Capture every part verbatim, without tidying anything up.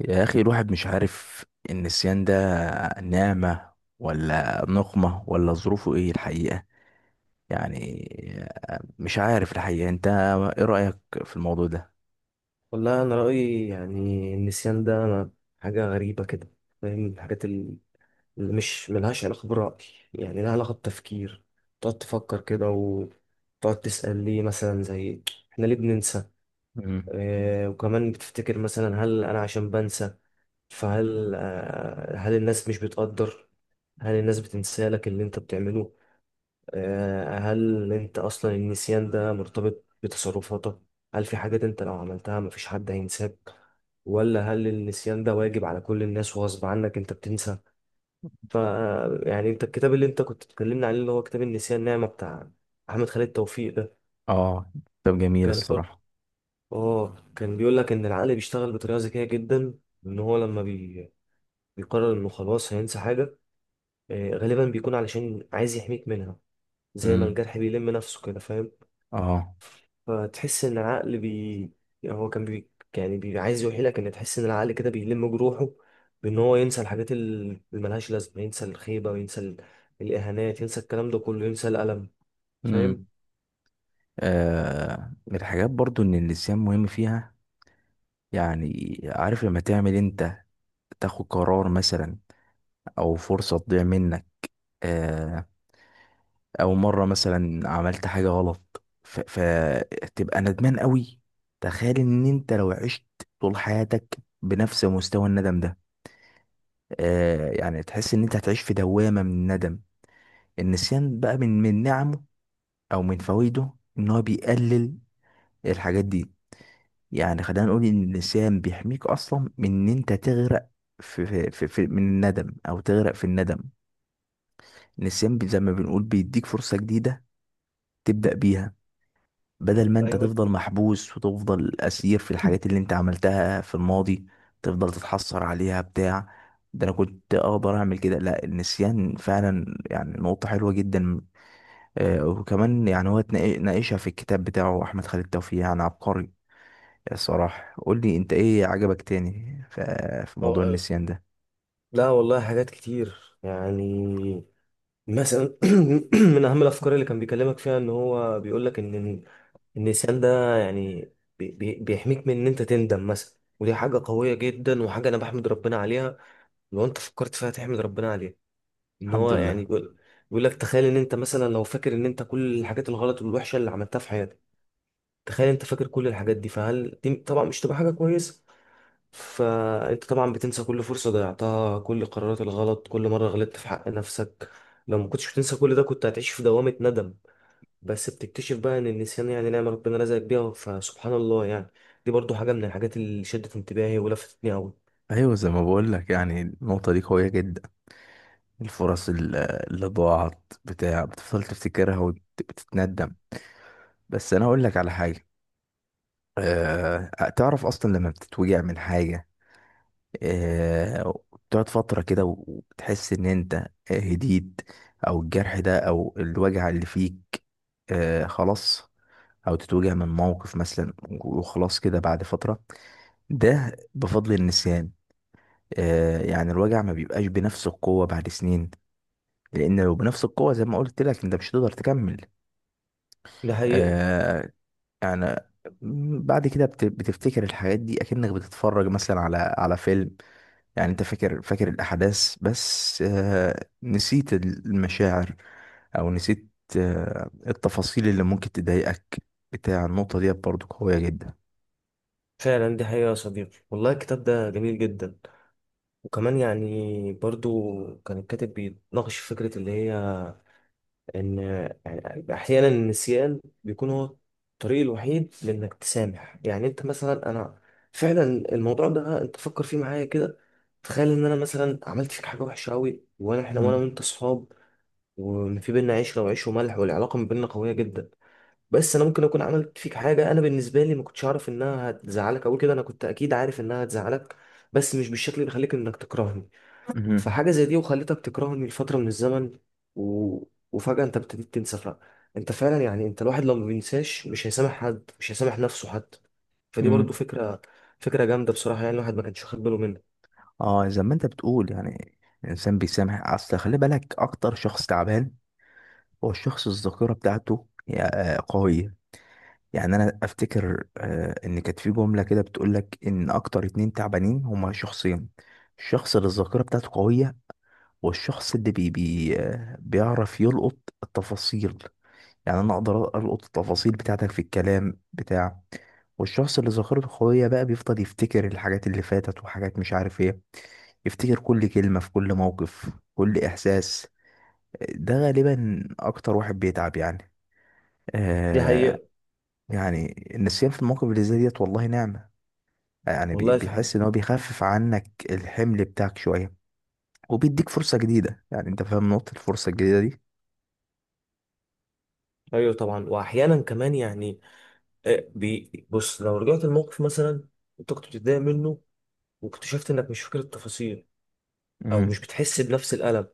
يا أخي، الواحد مش عارف، النسيان ده نعمة ولا نقمة ولا ظروفه إيه الحقيقة؟ يعني مش عارف الحقيقة، أنت إيه رأيك في الموضوع ده؟ والله انا رايي، يعني النسيان ده، أنا حاجه غريبه كده، فاهم؟ الحاجات ال- اللي مش ملهاش علاقه براي، يعني لها علاقه بتفكير. تقعد تفكر كده وتقعد تسال ليه، مثلا زي احنا ليه بننسى؟ مم. آه وكمان بتفتكر مثلا هل انا عشان بنسى؟ فهل آه هل الناس مش بتقدر، هل الناس بتنسى لك اللي انت بتعمله؟ آه، هل انت اصلا النسيان ده مرتبط بتصرفاتك؟ هل في حاجات انت لو عملتها مفيش حد هينساك؟ ولا هل النسيان ده واجب على كل الناس وغصب عنك انت بتنسى؟ ف يعني انت الكتاب اللي انت كنت بتكلمنا عليه، اللي هو كتاب النسيان نعمة بتاع احمد خالد توفيق ده، آه، طب جميل كان بيقول، الصراحة. اه كان بيقول لك ان العقل بيشتغل بطريقة ذكية جدا. ان هو لما بي... بيقرر انه خلاص هينسى حاجة، آه، غالبا بيكون علشان عايز يحميك منها. زي ما مم. الجرح بيلم نفسه كده، فاهم؟ آه. فتحس ان العقل بي هو كان بي يعني بي عايز يوحيلك ان تحس ان العقل كده بيلم جروحه، بان هو ينسى الحاجات ال- اللي ملهاش لازمه. ينسى الخيبه، وينسى ال- الاهانات، ينسى الكلام ده كله، ينسى الالم. فاهم. مم. آه، من الحاجات برضو إن النسيان مهم فيها، يعني عارف لما تعمل أنت، تاخد قرار مثلا أو فرصة تضيع منك، آه، او مره مثلا عملت حاجه غلط، ف- فتبقى ندمان قوي. تخيل ان انت لو عشت طول حياتك بنفس مستوى الندم ده، آه يعني تحس ان انت هتعيش في دوامه من الندم. النسيان بقى من من نعمه او من فوائده ان هو بيقلل الحاجات دي. يعني خلينا نقول ان النسيان بيحميك اصلا من ان انت تغرق في, في, في, في من الندم، او تغرق في الندم. النسيان بي- زي ما بنقول بيديك فرصه جديده تبدا بيها، بدل ما انت ايوه. تفضل محبوس وتفضل اسير في الحاجات اللي انت عملتها في الماضي، تفضل تتحسر عليها بتاع ده انا كنت اقدر اعمل كده. لا، النسيان فعلا يعني نقطة حلوة جدا. آه وكمان يعني هو اتنا- ناقشها في الكتاب بتاعه احمد خالد توفيق، يعني عبقري الصراحة. قول لي انت، ايه عجبك تاني ف- في موضوع أه، النسيان ده؟ لا والله حاجات كتير يعني. مثلا من اهم الافكار اللي كان بيكلمك فيها ان هو بيقول لك ان إن النسيان ده يعني بي- بي- بيحميك من ان انت تندم مثلا، ودي حاجه قويه جدا، وحاجه انا بحمد ربنا عليها. لو انت فكرت فيها تحمد ربنا عليها. ان الحمد هو يعني لله. بيقول بيقول لك تخيل ان انت مثلا لو فاكر ان انت كل الحاجات الغلط والوحشه اللي عملتها في حياتك، تخيل انت فاكر كل الحاجات دي، فهل دي طبعا مش تبقى حاجه كويسه؟ فانت طبعا بتنسى كل فرصه ضيعتها، كل القرارات الغلط، كل مره غلطت في حق نفسك. لو ما كنتش بتنسى كل ده كنت هتعيش في دوامه ندم. بس بتكتشف بقى ان النسيان يعني نعمه ربنا رزقك بيها، فسبحان الله يعني. دي برضو حاجه من الحاجات اللي شدت انتباهي ولفتتني قوي. ايوه زي ما بقول لك، يعني النقطه دي قويه جدا. الفرص ال- اللي ضاعت بتاع بتفضل تفتكرها وبتتندم. بس انا اقول لك على حاجه. أه. تعرف اصلا لما بتتوجع من حاجه، أه، بتقعد فتره كده و- وتحس ان انت، آه، هديت، او الجرح ده او الوجع اللي فيك، أه، خلاص. او تتوجع من موقف مثلا وخلاص كده بعد فتره. ده بفضل النسيان. أه يعني الوجع ما بيبقاش بنفس القوه بعد سنين، لان لو بنفس القوه زي ما قلت لك انت مش هتقدر تكمل. ده حقيقة. آه يعني بعد كده بت- بتفتكر الحاجات دي اكنك بتتفرج مثلا على على فيلم. يعني انت فاكر فاكر الاحداث بس آه، نسيت المشاعر او نسيت آه، التفاصيل اللي ممكن تضايقك بتاع. النقطة دي برضو قوية جدا. فعلا دي حقيقة يا صديقي، والله الكتاب ده جميل جدا. وكمان يعني برضو كان الكاتب بيناقش فكرة اللي هي إن، يعني أحيانا النسيان بيكون هو الطريق الوحيد لإنك تسامح. يعني أنت مثلا، أنا فعلا الموضوع ده أنت فكر فيه معايا كده. تخيل إن أنا مثلا عملت فيك حاجة وحشة أوي، وأنا إحنا وأنا مم. وأنت صحاب، وإن في بينا عشرة وعيش وملح، والعلاقة ما بيننا قوية جدا. بس أنا ممكن أكون عملت فيك حاجة أنا بالنسبة لي ما كنتش أعرف إنها هتزعلك أوي كده. أنا كنت أكيد عارف إنها هتزعلك، بس مش بالشكل اللي يخليك إنك تكرهني. مهم. فحاجة زي دي وخلتك تكرهني لفترة من الزمن، و... وفجأة انت ابتديت تنسى فعلا. انت فعلا يعني انت الواحد لو ما بينساش مش هيسامح حد، مش هيسامح نفسه حتى. فدي برضو مم. فكرة، فكرة جامدة بصراحة، يعني الواحد ما كانش واخد باله منها. اه زي ما انت بتقول، يعني الانسان بيسامح، اصل خلي بالك، اكتر شخص تعبان هو الشخص الذاكرة بتاعته هي آه، قوية. يعني انا افتكر آه، ان كانت في جمله كده بتقول لك ان اكتر اتنين تعبانين هما شخصين، الشخص اللي الذاكره بتاعته قويه، والشخص اللي بي بي آه، بيعرف يلقط التفاصيل. يعني انا اقدر القط التفاصيل بتاعتك في الكلام بتاع. والشخص اللي ذاكرته قويه بقى بيفضل يفتكر الحاجات اللي فاتت وحاجات مش عارف ايه، يفتكر كل كلمه في كل موقف كل احساس، ده غالبا اكتر واحد بيتعب يعني. دي آه. حقيقة. يعني النسيان في المواقف اللي زي ديت والله نعمة. يعني بي- والله في حاجة، بيحس ان هو بيخفف عنك الحمل بتاعك شويه، وبيديك فرصه جديده. يعني انت فاهم نقطه الفرصه الجديده دي. ايوه طبعا. واحيانا كمان يعني، آه، بي... بص لو رجعت الموقف مثلا، انت كنت بتتضايق منه، واكتشفت انك مش فاكر التفاصيل، او مش امم. بتحس بنفس الألم.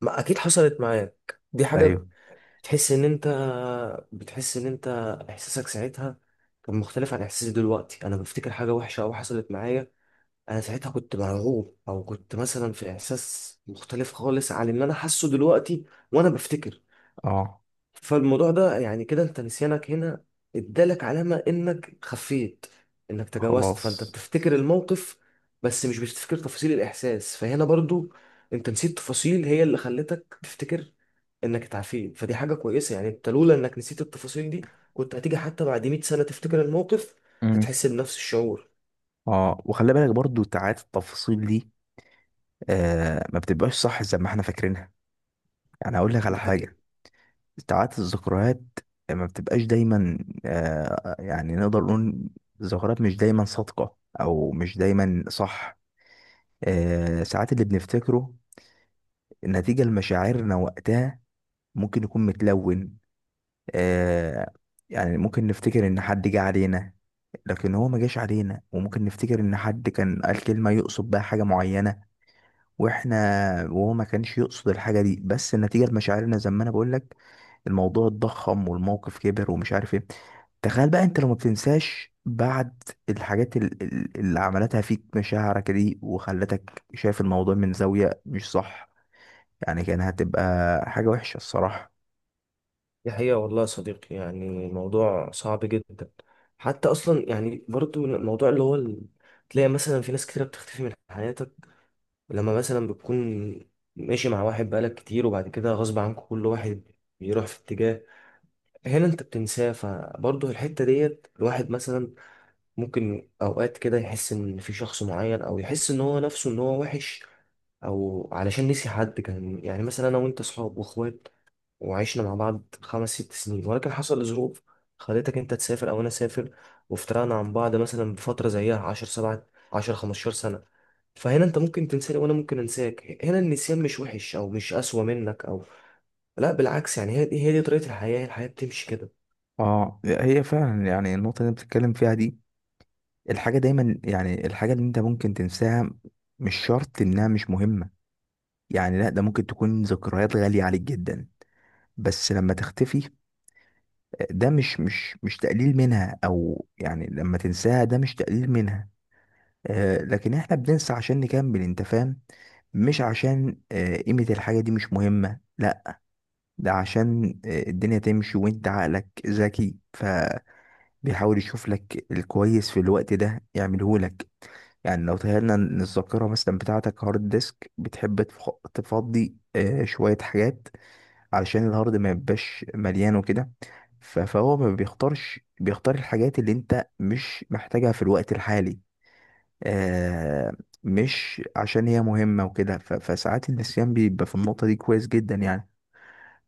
ما اكيد حصلت معاك دي حاجة. ايوه. تحس ان انت بتحس ان انت احساسك ساعتها كان مختلف عن احساسي دلوقتي. انا بفتكر حاجه وحشه او حصلت معايا، انا ساعتها كنت مرعوب او كنت مثلا في احساس مختلف خالص عن اللي انا حاسه دلوقتي وانا بفتكر. اه فالموضوع ده يعني كده انت نسيانك هنا ادالك علامة انك خفيت، انك تجاوزت، فانت خلاص. بتفتكر الموقف بس مش بتفتكر تفاصيل الاحساس. فهنا برضو انت نسيت تفاصيل هي اللي خلتك تفتكر انك اتعافيت، فدي حاجة كويسة يعني. انت لولا انك نسيت التفاصيل دي كنت هتيجي حتى بعد مائة سنة تفتكر الموقف، امم. هتحس بنفس الشعور. اه، وخلي بالك برضو ساعات التفاصيل دي آه ما بتبقاش صح زي ما احنا فاكرينها. يعني اقول لك على حاجه، ساعات الذكريات ما بتبقاش دايما، آه يعني نقدر نقول الذكريات مش دايما صادقه او مش دايما صح. آه ساعات اللي بنفتكره نتيجه لمشاعرنا وقتها ممكن يكون متلون. آه. يعني ممكن نفتكر ان حد جه علينا لكن هو ما جاش علينا، وممكن نفتكر ان حد كان قال كلمة يقصد بها حاجة معينة، واحنا، وهو ما كانش يقصد الحاجة دي، بس نتيجة لمشاعرنا زي ما انا بقول لك الموضوع اتضخم والموقف كبر ومش عارف ايه. تخيل بقى انت لو ما بتنساش بعد الحاجات ال- ال- اللي عملتها فيك مشاعرك دي وخلتك شايف الموضوع من زاوية مش صح، يعني كان هتبقى حاجة وحشة الصراحة. دي حقيقة والله يا صديقي، يعني الموضوع صعب جدا حتى. أصلا يعني برضو الموضوع اللي هو ال- تلاقي مثلا في ناس كتيرة بتختفي من حياتك، لما مثلا بتكون ماشي مع واحد بقالك كتير وبعد كده غصب عنك كل واحد بيروح في اتجاه. هنا انت بتنساه، فبرضه الحتة ديت الواحد مثلا ممكن أوقات كده يحس إن في شخص معين، أو يحس إن هو نفسه إن هو وحش، أو علشان نسي حد كان. يعني مثلا أنا وأنت صحاب وأخوات، وعشنا مع بعض خمس ست سنين، ولكن حصل ظروف خلتك انت تسافر او انا اسافر، وافترقنا عن بعض مثلا بفتره زيها عشرة سبعة عشرة خمسة عشر سنه. فهنا انت ممكن تنساني وانا ممكن انساك. هنا النسيان مش وحش او مش اسوأ منك، او لا بالعكس، يعني هي دي هي دي طريقه الحياه. الحياه بتمشي كده. اه، هي فعلا يعني النقطة اللي انت بتتكلم فيها دي، الحاجة دايما يعني الحاجة اللي انت ممكن تنساها مش شرط انها مش مهمة. يعني لا، ده ممكن تكون ذكريات غالية عليك جدا، بس لما تختفي ده مش مش مش تقليل منها. او يعني لما تنساها ده مش تقليل منها. آه لكن احنا بننسى عشان نكمل، انت فاهم، مش عشان آه، قيمة الحاجة دي مش مهمة، لا. ده عشان آه، الدنيا تمشي، وانت عقلك ذكي ف بيحاول يشوف لك الكويس في الوقت ده يعمله لك. يعني لو تخيلنا ان الذاكره مثلا بتاعتك هارد ديسك، بتحب تف- تفضي آه، شويه حاجات علشان الهارد ما يبقاش مليان وكده. ف- فهو ما بيختارش، بيختار الحاجات اللي انت مش محتاجها في الوقت الحالي، آه، مش عشان هي مهمه وكده. ف- فساعات النسيان بيبقى في النقطه دي كويس جدا يعني.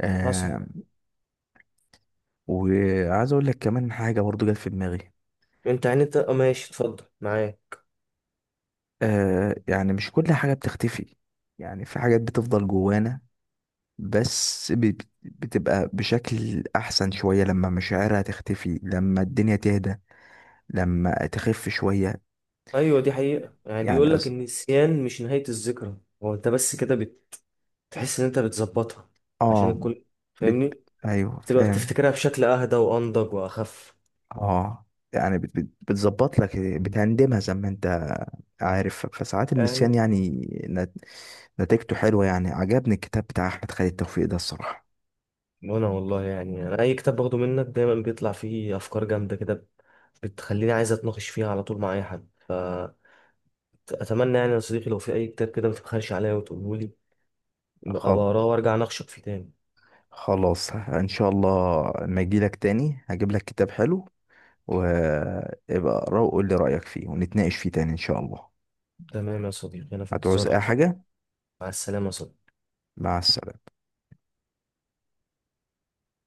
آه، حصل. وعايز اقول لك كمان حاجه برضو جت في دماغي. انت يعني انت اه ماشي، اتفضل معايا. آه يعني مش كل حاجة بتختفي، يعني في حاجات بتفضل جوانا، بس ب- بتبقى بشكل أحسن شوية لما مشاعرها تختفي، لما الدنيا تهدى، لما تخف شوية. ايوه دي حقيقه، يعني يعني بيقول لك أص- النسيان مش نهايه الذكرى. هو انت بس كده بتحس ان انت بتظبطها عشان اه. الكل، بت... فاهمني؟ أيوه بتبقى فاهم. بتفتكرها بشكل اهدى وانضج واخف. اه يعني بت... بت... بتظبط لك بتهندمها زي ما انت عارف. فساعات ايوه. النسيان يعني نت- نتيجته حلوة. يعني عجبني الكتاب بتاع أحمد خالد توفيق ده الصراحة. وانا والله يعني، انا اي كتاب باخده منك دايما بيطلع فيه افكار جامده كده، بتخليني عايز اتناقش فيها على طول مع اي حد. فاتمنى يعني يا صديقي لو في اي كتاب كده ما تبخلش عليا وتقوله لي، ابقى خالص. اقراه وارجع اناقشك فيه تاني. خلاص ان شاء الله لما اجيلك تاني هجيب لك كتاب حلو، وابقى اقراه وقول لي رأيك فيه ونتناقش فيه تاني ان شاء الله. تمام يا صديقي، انا في هتعوز انتظارك اي يا صديقي. حاجة؟ مع السلامه يا صديقي. مع السلامة.